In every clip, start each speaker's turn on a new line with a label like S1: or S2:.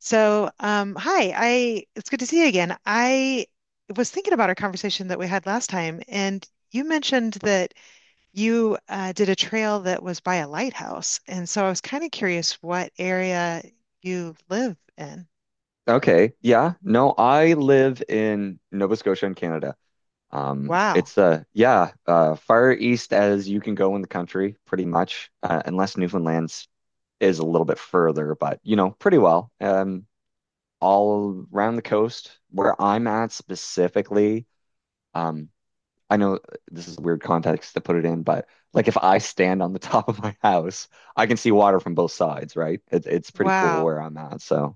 S1: Hi, I it's good to see you again. I was thinking about our conversation that we had last time, and you mentioned that you did a trail that was by a lighthouse, and so I was kind of curious what area you live in.
S2: Okay. Yeah. No, I live in Nova Scotia in Canada.
S1: Wow,
S2: Far east as you can go in the country, pretty much, unless Newfoundland's is a little bit further, but you know, pretty well. All around the coast where I'm at specifically, um, I know this is weird context to put it in, but like if I stand on the top of my house, I can see water from both sides, right? It's pretty cool
S1: wow,
S2: where I'm at. So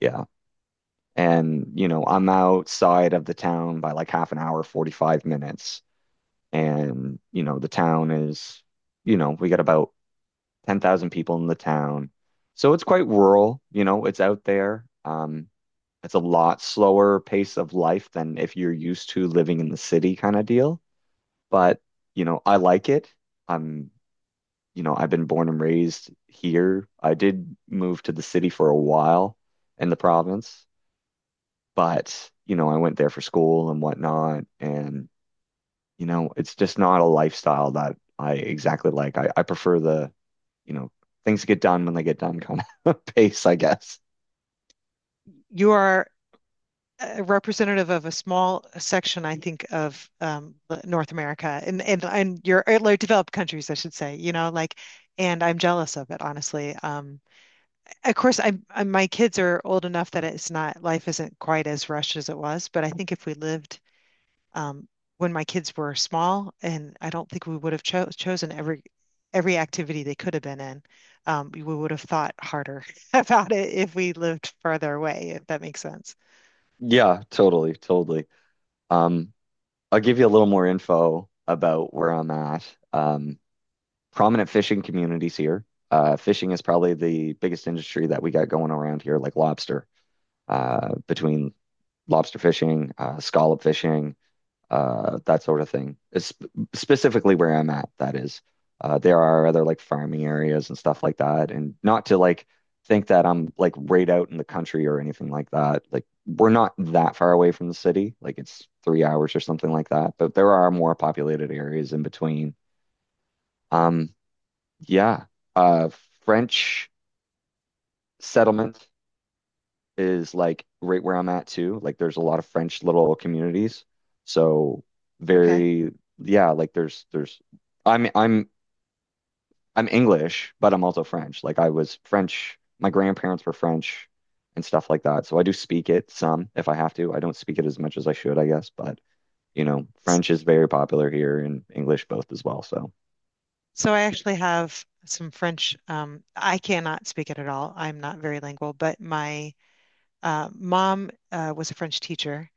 S2: yeah. And, you know, I'm outside of the town by like half an hour, 45 minutes. And, you know, the town is, you know, we got about 10,000 people in the town. So it's quite rural, you know, it's out there. It's a lot slower pace of life than if you're used to living in the city kind of deal. But, you know, I like it. I'm, you know, I've been born and raised here. I did move to the city for a while in the province. But, you know, I went there for school and whatnot. And, you know, it's just not a lifestyle that I exactly like. I prefer the, you know, things get done when they get done kind of pace, I guess.
S1: you are a representative of a small section, I think, of North America and like, developed countries, I should say. You know, like, and I'm jealous of it, honestly. Of course, I my kids are old enough that it's not life isn't quite as rushed as it was. But I think if we lived um, when my kids were small, and I don't think we would have chosen every activity they could have been in. We would have thought harder about it if we lived farther away, if that makes sense.
S2: Yeah, totally. Um, I'll give you a little more info about where I'm at. Um, prominent fishing communities here. Fishing is probably the biggest industry that we got going around here, like lobster, between lobster fishing, scallop fishing, that sort of thing. It's specifically where I'm at, that is. There are other like farming areas and stuff like that. And not to like think that I'm like right out in the country or anything like that. Like we're not that far away from the city. Like it's 3 hours or something like that. But there are more populated areas in between. Um, yeah. Uh, French settlement is like right where I'm at too. Like there's a lot of French little communities. So
S1: Okay.
S2: very yeah, like there's I'm I'm English, but I'm also French. Like I was French, my grandparents were French and stuff like that. So I do speak it some if I have to. I don't speak it as much as I should, I guess, but you know, French is very popular here and English both as well. So,
S1: So I actually have some French. I cannot speak it at all. I'm not very lingual, but my mom was a French teacher.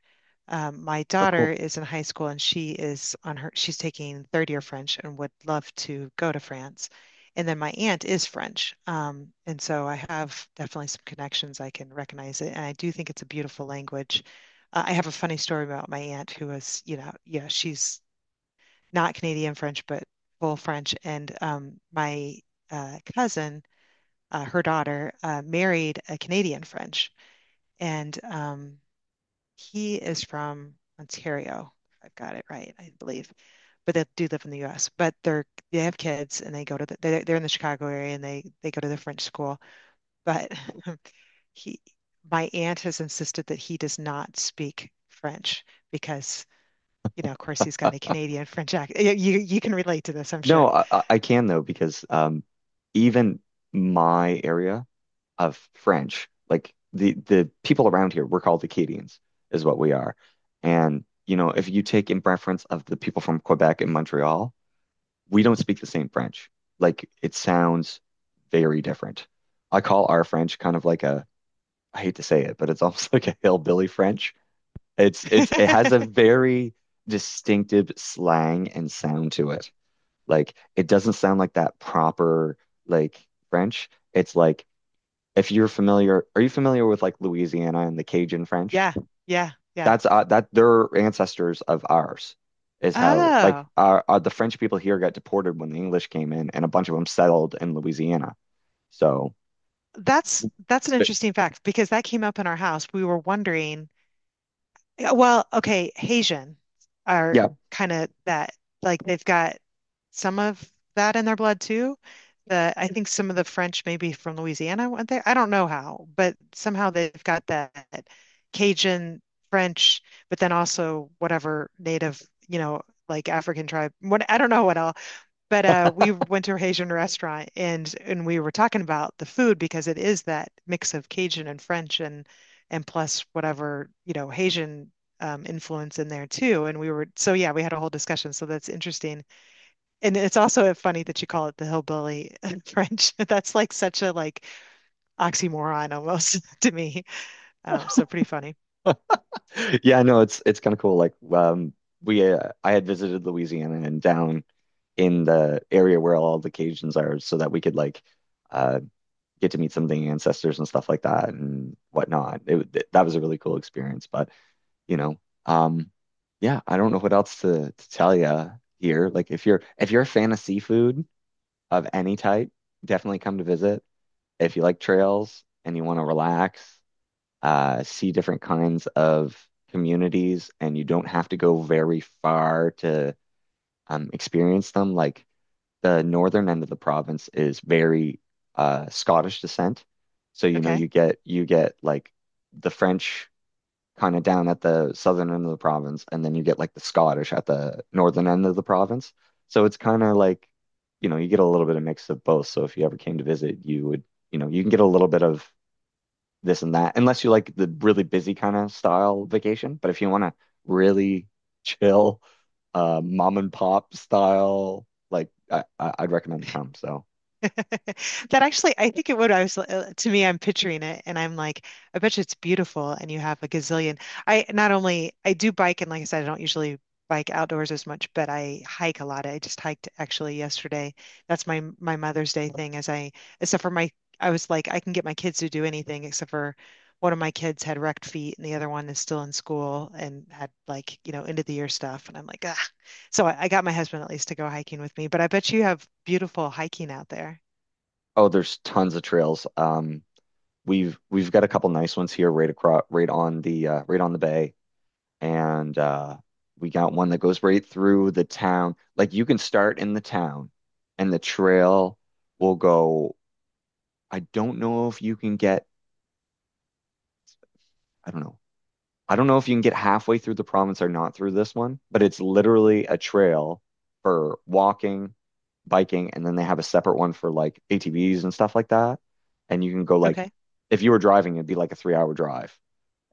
S1: My
S2: oh
S1: daughter
S2: cool.
S1: is in high school and she's taking third year French and would love to go to France. And then my aunt is French. And so I have definitely some connections. I can recognize it. And I do think it's a beautiful language. I have a funny story about my aunt who was, you know, yeah, she's not Canadian French, but full French. And my cousin, her daughter, married a Canadian French, and he is from Ontario. I've got it right, I believe, but they do live in the U.S. But they're They have kids, and they're in the Chicago area, and they go to the French school. But he, my aunt has insisted that he does not speak French because, you know, of course, he's got a Canadian French accent. You can relate to this, I'm sure.
S2: No, I can though because even my area of French. Like the people around here, we're called Acadians, is what we are. And you know, if you take in reference of the people from Quebec and Montreal, we don't speak the same French. Like it sounds very different. I call our French kind of like I hate to say it, but it's almost like a hillbilly French. It's it has a very distinctive slang and sound to it. Like it doesn't sound like that proper like French. It's like if you're familiar, are you familiar with like Louisiana and the Cajun French?
S1: Yeah, yeah.
S2: That's that they're ancestors of ours, is how like
S1: Oh,
S2: our the French people here got deported when the English came in, and a bunch of them settled in Louisiana. So,
S1: that's an
S2: but-
S1: interesting fact because that came up in our house. We were wondering, yeah, well, okay, Haitian are
S2: yeah,
S1: kind of that, like they've got some of that in their blood too. The I think some of the French maybe from Louisiana went there. I don't know how, but somehow they've got that Cajun French, but then also whatever native, you know, like African tribe. What I don't know what else. But we went to a Haitian restaurant and we were talking about the food because it is that mix of Cajun and French and plus whatever, you know, Haitian influence in there too. And we were So yeah, we had a whole discussion. So that's interesting. And it's also funny that you call it the hillbilly French. That's like such a like oxymoron almost to me. So pretty funny.
S2: yeah, no, it's kind of cool. Like, we I had visited Louisiana and down in the area where all the Cajuns are, so that we could like uh get to meet some of the ancestors and stuff like that and whatnot. That was a really cool experience, but. You know. Um, yeah, I don't know what else to tell you here. Like if you're a fan of seafood of any type, definitely come to visit. If you like trails and you want to relax, see different kinds of communities, and you don't have to go very far to experience them. Like the northern end of the province is very Scottish descent, so you know
S1: Okay.
S2: you get like the French kind of down at the southern end of the province, and then you get like the Scottish at the northern end of the province. So it's kind of like, you know, you get a little bit of mix of both. So if you ever came to visit, you would, you know, you can get a little bit of this and that, unless you like the really busy kind of style vacation. But if you want to really chill, mom and pop style, like I'd recommend to come. So,
S1: That actually, I think it would. I was to me, I'm picturing it, and I'm like, I bet you it's beautiful, and you have a gazillion. I Not only I do bike, and like I said, I don't usually bike outdoors as much, but I hike a lot. I just hiked actually yesterday. That's my Mother's Day thing. As I except for my, I was like, I can get my kids to do anything except for one of my kids had wrecked feet, and the other one is still in school and had like you know end of the year stuff, and I'm like, ah. I got my husband at least to go hiking with me, but I bet you have beautiful hiking out there.
S2: oh, there's tons of trails. We've got a couple nice ones here, right across, right on the bay. And we got one that goes right through the town. Like you can start in the town, and the trail will go. I don't know if you can get. I don't know. I don't know if you can get halfway through the province or not through this one, but it's literally a trail for walking, biking, and then they have a separate one for like ATVs and stuff like that. And you can go like,
S1: Okay.
S2: if you were driving, it'd be like a 3 hour drive.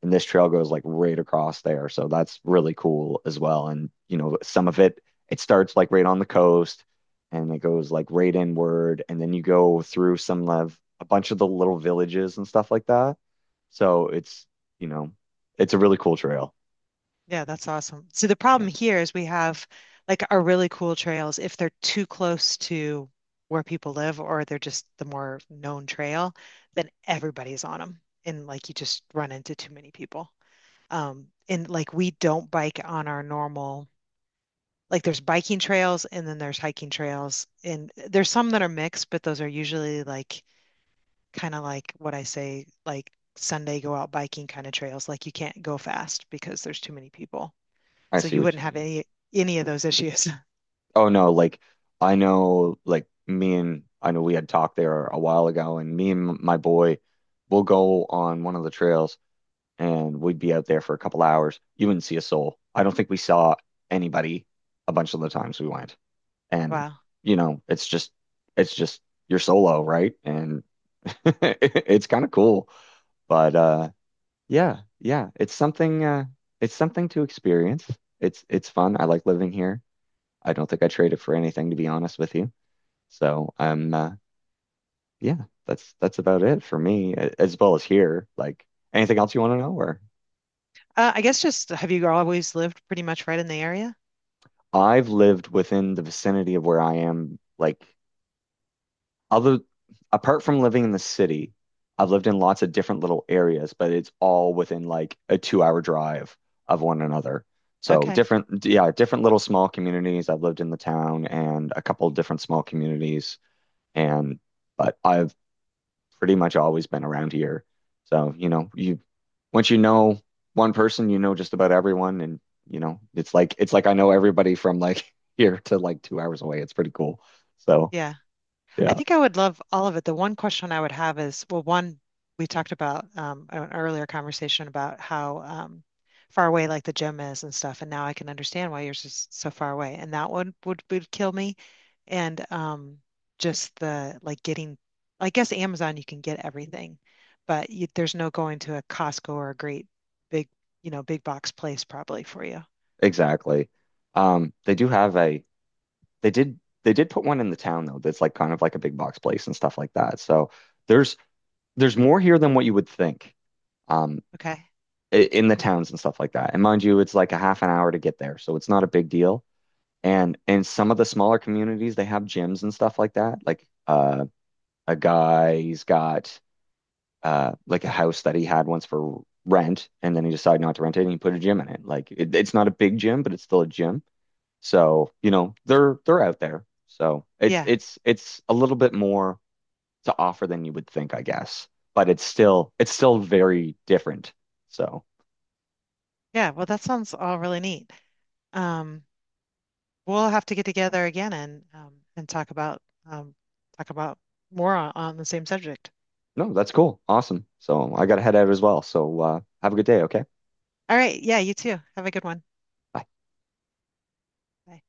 S2: And this trail goes like right across there. So that's really cool as well. And you know, some of it it starts like right on the coast and it goes like right inward and then you go through some of a bunch of the little villages and stuff like that. So it's, you know, it's a really cool trail.
S1: Yeah, that's awesome. So the
S2: Yeah.
S1: problem here is we have like our really cool trails, if they're too close to where people live or they're just the more known trail, then everybody's on them. And like you just run into too many people. And like we don't bike on our normal, like there's biking trails and then there's hiking trails. And there's some that are mixed, but those are usually like kind of like what I say, like Sunday go out biking kind of trails. Like you can't go fast because there's too many people.
S2: I
S1: So
S2: see
S1: you
S2: what
S1: wouldn't
S2: you
S1: have
S2: mean.
S1: any of those issues.
S2: Oh no, like I know like me and I know we had talked there a while ago and me and my boy will go on one of the trails and we'd be out there for a couple hours. You wouldn't see a soul. I don't think we saw anybody a bunch of the times we went. And
S1: Wow.
S2: you know, it's just you're solo, right? And it's kind of cool. But yeah, it's something to experience. It's fun. I like living here. I don't think I trade it for anything to be honest with you. So, I'm yeah, that's about it for me as well as here. Like anything else you want to know or
S1: I guess just have you always lived pretty much right in the area?
S2: I've lived within the vicinity of where I am, like other apart from living in the city, I've lived in lots of different little areas, but it's all within like a 2 hour drive of one another. So
S1: Okay.
S2: different, yeah, different little small communities. I've lived in the town and a couple of different small communities and but I've pretty much always been around here. So, you know, you once you know one person, you know just about everyone and you know, it's like I know everybody from like here to like 2 hours away. It's pretty cool. So,
S1: Yeah. I
S2: yeah,
S1: think I would love all of it. The one question I would have is, well, one, we talked about an earlier conversation about how far away like the gym is and stuff, and now I can understand why yours is so far away, and that one would kill me. And just the like getting, I guess Amazon you can get everything, but you, there's no going to a Costco or a great big, you know, big box place probably for you.
S2: exactly. They do have a they did they did put one in the town though that's like kind of like a big box place and stuff like that. So there's there's more here than what you would think. Um,
S1: Okay.
S2: in the towns and stuff like that. And mind you, it's like a half an hour to get there, so it's not a big deal. And in some of the smaller communities, they have gyms and stuff like that. Like a guy, he's got like a house that he had once for rent, and then he decided not to rent it, and he put a gym in it. Like it's not a big gym, but it's still a gym. So, you know, they're out there. So
S1: Yeah.
S2: it's a little bit more to offer than you would think, I guess. But it's still very different. So
S1: Yeah. Well, that sounds all really neat. Um, We'll have to get together again and talk about um, talk about more on the same subject.
S2: no, that's cool. Awesome. So I gotta head out as well. So have a good day. Okay.
S1: All right, yeah, you too. Have a good one.
S2: Bye.
S1: Bye.